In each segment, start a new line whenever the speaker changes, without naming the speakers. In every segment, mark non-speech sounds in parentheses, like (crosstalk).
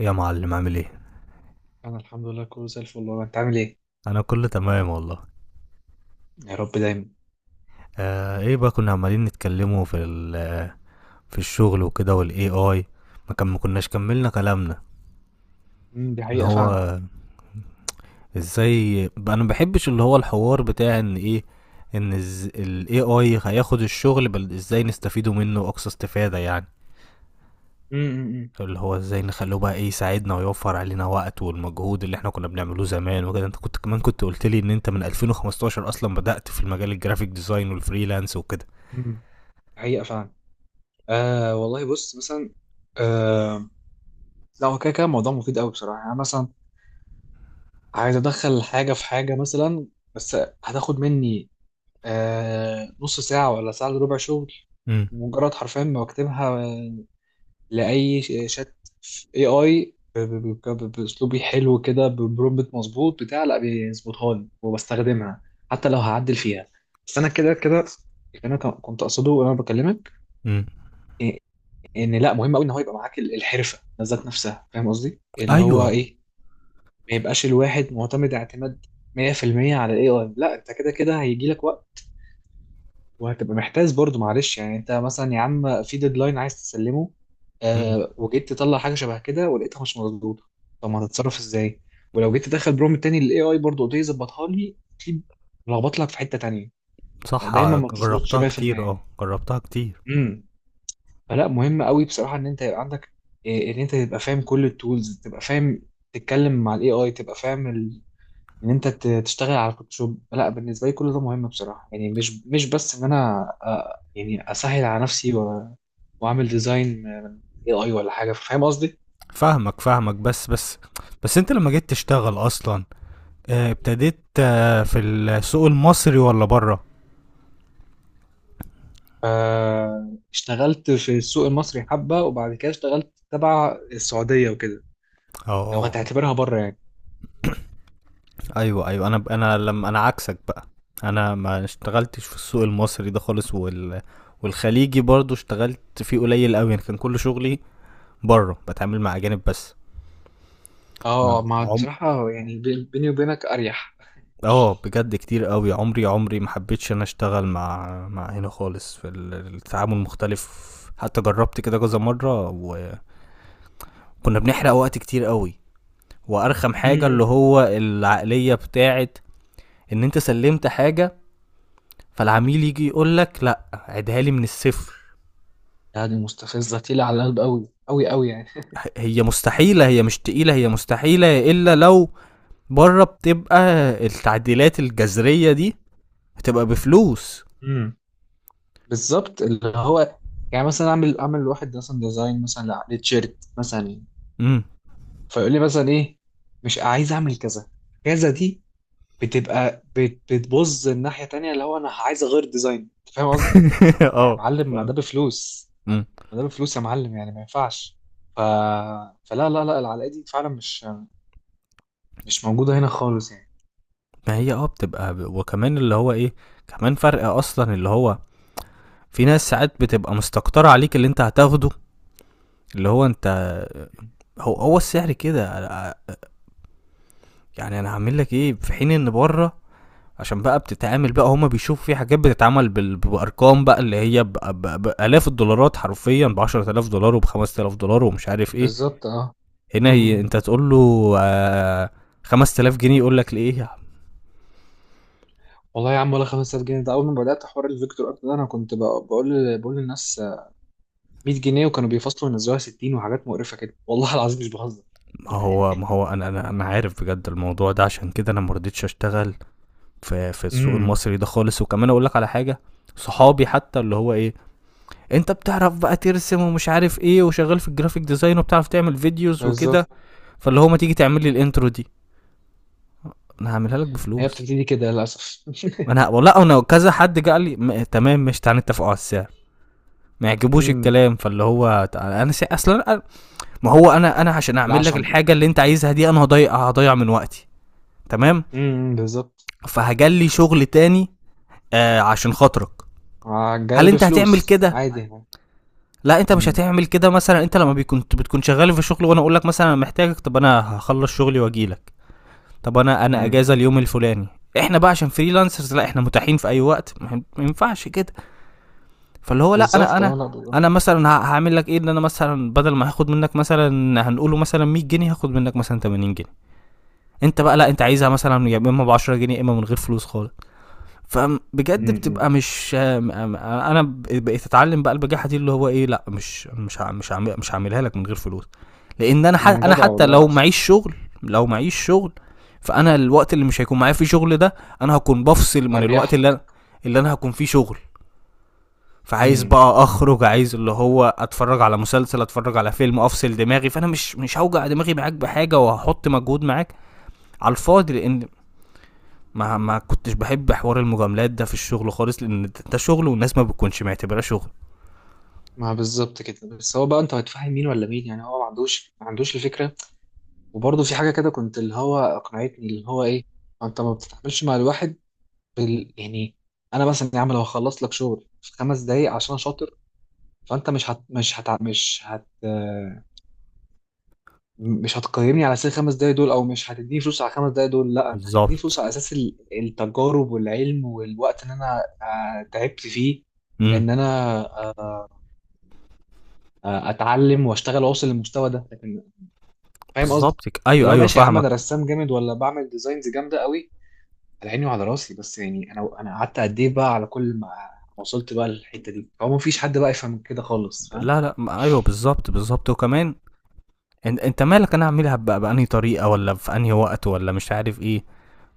يا معلم عامل ايه؟
انا الحمد لله كله زي الفل والله، انت عامل ايه؟
انا كله تمام والله.
يا رب دايما.
ايه بقى، كنا عمالين نتكلموا في في الشغل وكده والاي اي. ما كناش كملنا كلامنا.
دي
ان
حقيقه فعلا.
هو ازاي انا ما بحبش اللي هو الحوار بتاع ان ايه، ان الاي اي هياخد الشغل، بل ازاي نستفيدوا منه اقصى استفادة يعني.
امم
اللي هو ازاي نخلوه بقى ايه، يساعدنا ويوفر علينا وقت والمجهود اللي احنا كنا بنعمله زمان وكده. انت كنت كمان كنت قلت لي ان انت من 2015 اصلا بدأت في المجال، الجرافيك ديزاين والفريلانس وكده.
امم دي حقيقه فعلا. والله بص مثلا. آه لا، هو كده كده موضوع مفيد قوي بصراحه. يعني أنا مثلا عايز ادخل حاجه في حاجه مثلا، بس هتاخد مني نص ساعه ولا ساعه الا ربع شغل.
امم
مجرد حرفيا ما بكتبها شات اي اي باسلوبي حلو كده، ببرومبت مظبوط بتاع، لا بيظبطها لي وبستخدمها حتى لو هعدل فيها. بس انا كده كده، اللي انا كنت اقصده وانا بكلمك
امم
إيه- ان لا مهم قوي ان هو يبقى معاك الحرفه ذات نفسها، فاهم قصدي؟ اللي هو
ايوه.
ايه، ما يبقاش الواحد معتمد اعتماد 100% على الاي اي. لا، انت كده كده هيجي لك، وهتبقى محتاج برضو. معلش يعني، انت مثلا يا عم في ديدلاين عايز تسلمه،
امم
وجيت تطلع حاجه شبه كده ولقيتها مش مظبوطه. طب ما هتتصرف ازاي؟ ولو جيت تدخل برومت تاني للاي اي، برضو قلت يظبطها لي، اكيد لخبط لك في حته تانيه.
صح.
دايما ما بتظبطش
جربتها كتير،
100%.
اه جربتها كتير.
امم فلا، مهم قوي بصراحه ان انت يبقى عندك ان انت تبقى فاهم كل التولز، تبقى فاهم تتكلم مع الاي اي، تبقى فاهم ان انت تشتغل على فوتوشوب. لا، بالنسبه لي كل ده مهم بصراحه. يعني مش بس ان انا يعني اسهل على نفسي واعمل ديزاين اي اي ولا حاجه، فاهم قصدي؟
فاهمك فاهمك، بس انت لما جيت تشتغل اصلا، ابتديت في السوق المصري ولا بره؟
اشتغلت في السوق المصري حبه، وبعد كده اشتغلت تبع السعوديه وكده، لو
اه،
هتعتبرها بره يعني.
ايوه ايوه. انا لما عكسك بقى، انا ما اشتغلتش في السوق المصري ده خالص، والخليجي برضو اشتغلت فيه قليل قوي يعني، كان كل شغلي بره، بتعامل مع اجانب بس.
اه،
ما
ما بصراحه يعني بيني وبينك اريح.
اه، بجد كتير قوي، عمري عمري ما حبيتش انا اشتغل مع هنا خالص. في التعامل مختلف، حتى جربت كده كذا مره وكنا بنحرق وقت كتير قوي. وارخم حاجه اللي
امم
هو العقليه بتاعت ان انت سلمت حاجه، فالعميل يجي يقول لك لا عيدها لي من الصفر.
يعني مستفزه، تقيله على القلب قوي قوي قوي.
هي مستحيله، هي مش تقيله، هي مستحيله الا لو بره. بتبقى التعديلات الجذريه دي بتبقى بفلوس.
يعني بالظبط، اللي هو يعني مثلا اعمل لواحد مثلا ديزاين مثلا لتيشيرت مثلا،
امم.
فيقول لي مثلا ايه، مش عايز اعمل كذا، كذا دي بتبقى بتبوظ الناحية تانية. اللي هو انا عايز اغير ديزاين، انت فاهم قصدي؟
(laughs)
يا
اه.
معلم، ما
ف-
ده بفلوس.
مم.
ما ده بفلوس يا معلم، يعني ما ينفعش. ف... فلا لا لا، العلاقة دي فعلا مش موجودة هنا خالص يعني.
ما هي اه بتبقى وكمان اللي هو ايه، كمان فرق اصلا اللي هو في ناس ساعات بتبقى مستكترة عليك اللي انت هتاخده، اللي هو انت، هو هو السعر كده يعني. انا هعمل لك ايه، في حين ان بره، عشان بقى بتتعامل بقى، هما بيشوفوا في حاجات بتتعمل بارقام بقى، اللي هي بالاف الدولارات، حرفيا ب 10000 دولار وب 5000 دولار ومش عارف ايه.
بالظبط اه. م-
هنا
م.
هي
م.
انت تقول له آه 5000 جنيه يقول لك ليه؟
والله يا عم، ولا 5000 جنيه. ده اول ما بدات حوار الفيكتور ارت ده، انا كنت بقول للناس 100 جنيه، وكانوا بيفصلوا ينزلوها 60، وحاجات مقرفة كده. والله العظيم مش بهزر.
ما هو ما هو انا عارف بجد الموضوع ده، عشان كده انا ما رضيتش اشتغل في السوق
امم
المصري ده خالص. وكمان اقول لك على حاجه، صحابي حتى اللي هو ايه، انت بتعرف بقى ترسم ومش عارف ايه، وشغال في الجرافيك ديزاين، وبتعرف تعمل فيديوز وكده،
بالظبط.
فاللي هو ما تيجي تعمل لي الانترو دي. انا هعملها لك
هي
بفلوس.
بتبتدي كده للأسف. (laughs)
انا والله انا كذا حد جه قال لي تمام، مش تعالى نتفقوا على السعر، ما يعجبوش
امم
الكلام، فاللي هو انا اصلا ما هو انا عشان اعمل لك
العشم.
الحاجه اللي انت عايزها دي، انا هضيع من وقتي. تمام.
بالظبط.
فهجلي شغل تاني، آه عشان خاطرك. هل
جاي
انت هتعمل
بفلوس
كده؟
عادي يعني.
لا انت مش
امم
هتعمل كده. مثلا انت لما بيكون بتكون شغال في شغل، وانا اقول لك مثلا انا محتاجك، طب انا هخلص شغلي واجيلك. طب انا
امم
اجازه اليوم الفلاني، احنا بقى عشان فريلانسرز لا احنا متاحين في اي وقت، ما ما ينفعش كده. فاللي هو لا انا
بالظبط.
انا
اه لا بالظبط.
انا مثلا هعمل لك ايه، ان انا مثلا بدل ما هاخد منك مثلا، هنقوله مثلا 100 جنيه، هاخد منك مثلا 80 جنيه. انت بقى لا، انت عايزها مثلا يا اما ب 10 جنيه يا اما من غير فلوس خالص. فبجد بتبقى
امم
مش انا. بقيت اتعلم بقى البجاحه دي، اللي هو ايه لا، مش هعملها لك من غير فلوس. لان انا
أمم.
انا
جدع
حتى
والله،
لو
أحسن.
معيش شغل، لو معيش شغل، فانا الوقت اللي مش هيكون معايا فيه شغل ده، انا هكون بفصل من الوقت
أريح
اللي
لك.
اللي انا هكون فيه شغل. فعايز
امم
بقى اخرج، عايز اللي هو اتفرج على مسلسل، اتفرج على فيلم، افصل دماغي. فانا مش هوجع دماغي معاك بحاجه وهحط مجهود معاك على الفاضي، لان ما كنتش بحب حوار المجاملات ده في الشغل خالص، لان ده شغل والناس ما بتكونش معتبراه شغل.
ما بالظبط كده. بس هو بقى انت هتفهم مين ولا مين؟ يعني هو ما عندوش ما عندوش الفكرة. وبرضه في حاجة كده كنت، اللي هو أقنعتني اللي هو إيه، انت ما بتتعاملش مع الواحد يعني. انا مثلا يا عم لو هخلص لك شغل في خمس دقايق عشان شاطر، فانت مش هت... مش هت... مش هت... آه، مش هتقيمني على اساس الخمس دقايق دول، او مش هتديني فلوس على الخمس دقايق دول. لا، انت هتديني فلوس
بالظبط.
على اساس التجارب والعلم والوقت ان انا تعبت فيه.
امم،
ان انا آه، اتعلم واشتغل واوصل للمستوى ده. لكن فاهم قصدي،
بالظبط. ايوه
اللي هو
ايوه
ماشي يا عم
فاهمك.
انا رسام جامد ولا بعمل ديزاينز جامده قوي، على عيني وعلى راسي. بس يعني انا قعدت قد ايه بقى على كل ما وصلت بقى للحته دي. هو مفيش حد بقى يفهم كده خالص، فاهم؟
لا لا، ايوه بالظبط بالظبط. وكمان انت مالك، انا اعملها بقى بأنهي طريقه، ولا في انهي وقت، ولا مش عارف ايه.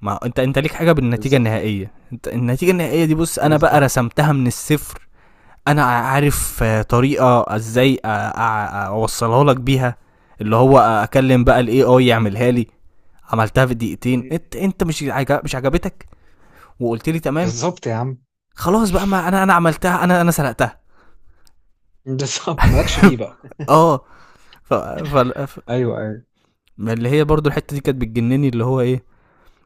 ما انت ليك حاجه بالنتيجه
بالظبط.
النهائيه. انت النتيجه النهائيه دي، بص انا بقى
بالظبط.
رسمتها من الصفر. انا عارف طريقه ازاي اوصلها لك بيها. اللي هو اكلم بقى الاي اي يعملها لي، عملتها في دقيقتين، انت مش عجبتك، وقلت لي تمام.
بالظبط. (laughs) يا عم،
خلاص بقى، ما انا عملتها، انا سرقتها.
بالظبط، مالكش فيه
(laughs)
بقى.
(applause) اه. ف... ف... ف...
ايوه ايوه،
ما اللي هي برضو الحته دي كانت بتجنني، اللي هو ايه،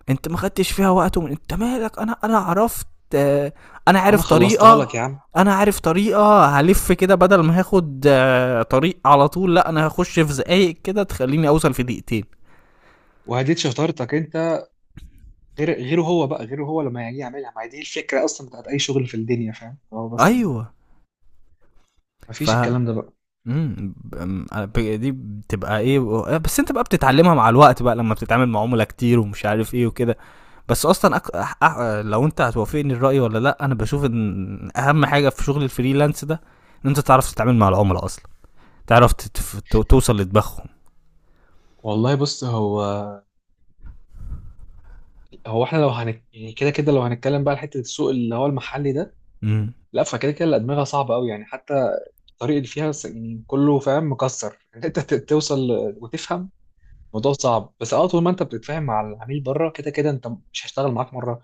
انت ما خدتش فيها وقت انت مالك، انا عرفت، آه، انا
انا
عارف
خلصتها
طريقه،
لك يا عم،
انا عارف طريقه هلف كده. بدل ما هاخد طريق على طول، لا انا هخش في زقايق كده تخليني اوصل في دقيقتين.
وهديت شطارتك انت. غير غيره، هو بقى غيره هو لما يجي يعملها. ما هي دي الفكره اصلا بتاعت اي شغل في الدنيا، فاهم؟ هو بس
ايوه. ف
مفيش الكلام ده بقى.
إمم، ب آمم، أ ب دي بتبقى إيه و آه، بس أنت بقى بتتعلّمها مع الوقت بقى، لمّا بتتعامل مع عُملا كتير ومش عارف إيه وكده. بس أصلًا، أك أح أح لو أنت هتوافقني الرأي والّا لأ، أنا باشوف إن أهَم حاجة في شغل الfreelance ده، إن أنت تعرف تتعامل مع العُملا أصلًا، تعرف ت تف ت توصل لدماغهم.
والله بص، هو هو احنا لو هنت يعني، كده كده لو هنتكلم بقى على حته السوق اللي هو المحلي ده،
إمم،
لا فكده كده الادمغه صعبه قوي يعني. حتى الطريق اللي فيها يعني كله فاهم مكسر. (laughs) ان انت توصل وتفهم، الموضوع صعب. بس اه، طول ما انت بتتفاهم مع العميل بره، كده كده انت، مش هيشتغل معاك مره،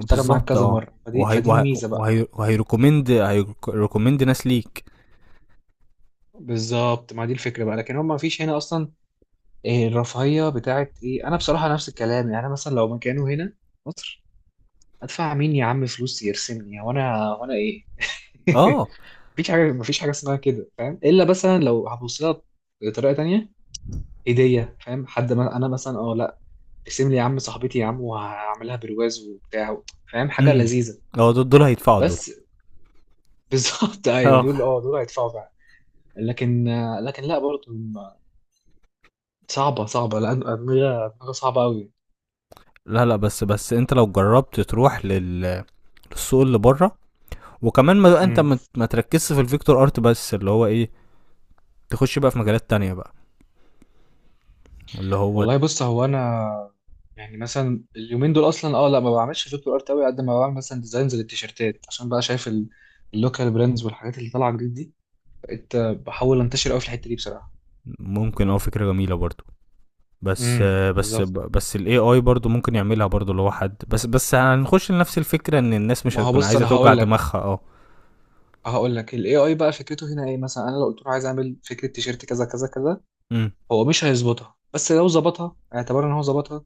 هيشتغل معاك كذا
آه،
مره. فدي
وهي
فدي
وه
الميزه بقى.
وهي وهيrecommend هيرك recommend ناس ليك.
بالظبط، ما دي الفكره بقى. لكن هم ما فيش هنا اصلا. إيه الرفاهيه بتاعت ايه؟ انا بصراحه نفس الكلام يعني. أنا مثلا لو مكانه هنا، مصر، ادفع مين يا عم فلوس يرسمني وانا ايه؟ (laughs)
آه،
مفيش حاجه، مفيش حاجه اسمها كده، فاهم؟ الا مثلا لو هبص لها بطريقه تانيه، هديه، فاهم؟ حد ما انا مثلا اه لا، ارسم لي يا عم صاحبتي يا عم، وهعملها برواز وبتاع، فاهم؟ حاجه
إمم،
لذيذه،
آه، دول هيدفعوا دول،
بس. (laughs) بالظبط ايوه دول،
آه.
اه دول هيدفعوا فعلا. لكن لكن لا برضه صعبه صعبه، لان ادمغه ادمغه صعبه قوي.
لا، لأ، بس أنت لو جرّبت تروح للسوق اللي برّه، وكمان ما انت
امم
ما تركزش في الفيكتور ارت بس. اللي هو ايه، تخش بقى في مجالات تانية بقى، اللي هو
والله بص، هو انا يعني مثلا اليومين دول اصلا، اه لا ما بعملش فيجوال ارت قوي قد ما بعمل مثلا ديزاينز للتيشيرتات، عشان بقى شايف اللوكال براندز والحاجات اللي طالعه جديد دي. بقيت بحاول انتشر قوي في الحته دي بصراحه.
ممكن، اه، فكرة جميلة برضو. بس آه، بس
بالظبط.
بس الاي اي برضو ممكن يعملها برضو لو حد، بس هنخش لنفس الفكرة، ان الناس مش
ما هو
هتكون
بص،
عايزة
انا
توجع
هقول لك،
دماغها. اه.
هقول لك الاي اي بقى فكرته هنا ايه. مثلا انا لو قلت له عايز اعمل فكره تيشيرت كذا كذا كذا،
امم.
هو مش هيظبطها، بس لو ظبطها اعتبر ان هو ظبطها.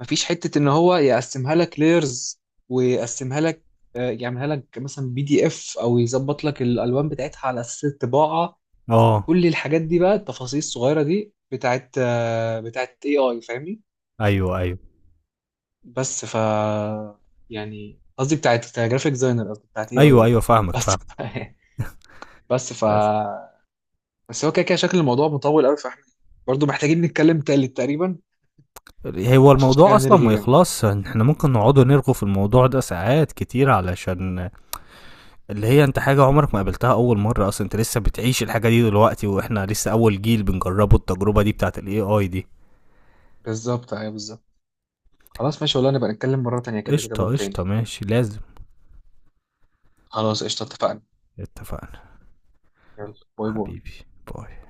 مفيش حته ان هو يقسمها لك لايرز، ويقسمها لك، يعملها لك مثلا بي دي اف، او يظبط لك الالوان بتاعتها على اساس الطباعه.
اه
كل الحاجات دي بقى، التفاصيل الصغيره دي، بتاعت بتاعت اي اي، فاهمني؟
ايوه ايوه.
بس ف، يعني قصدي بتاعت جرافيك ديزاينر، قصدي بتاعت اي
ايوه
اي.
ايوه فاهمك
بس
فاهمك.
(laughs) بس ف،
بس.
بس هو كده كده شكل الموضوع مطول قوي، فاحنا برضو محتاجين نتكلم تالت تقريبا،
هو
عشان
الموضوع
شكلها
اصلا
هنرغي
ما
جامد.
يخلص، احنا ممكن نقعد نرغو في الموضوع ده ساعات كتير، علشان اللي هي انت حاجة عمرك ما قابلتها اول مرة اصلا، انت لسه بتعيش الحاجة دي دلوقتي، واحنا لسه اول جيل بنجربه التجربة دي بتاعت الاي اي دي.
بالظبط ايوه بالظبط. خلاص ماشي والله، نبقى نتكلم مرة تانية كده كده
قشطة
برضو
قشطة،
تاني.
ماشي، لازم.
خلاص قشطة، اتفقنا.
اتفقنا.
يلا، باي باي.
حبيبي، باي.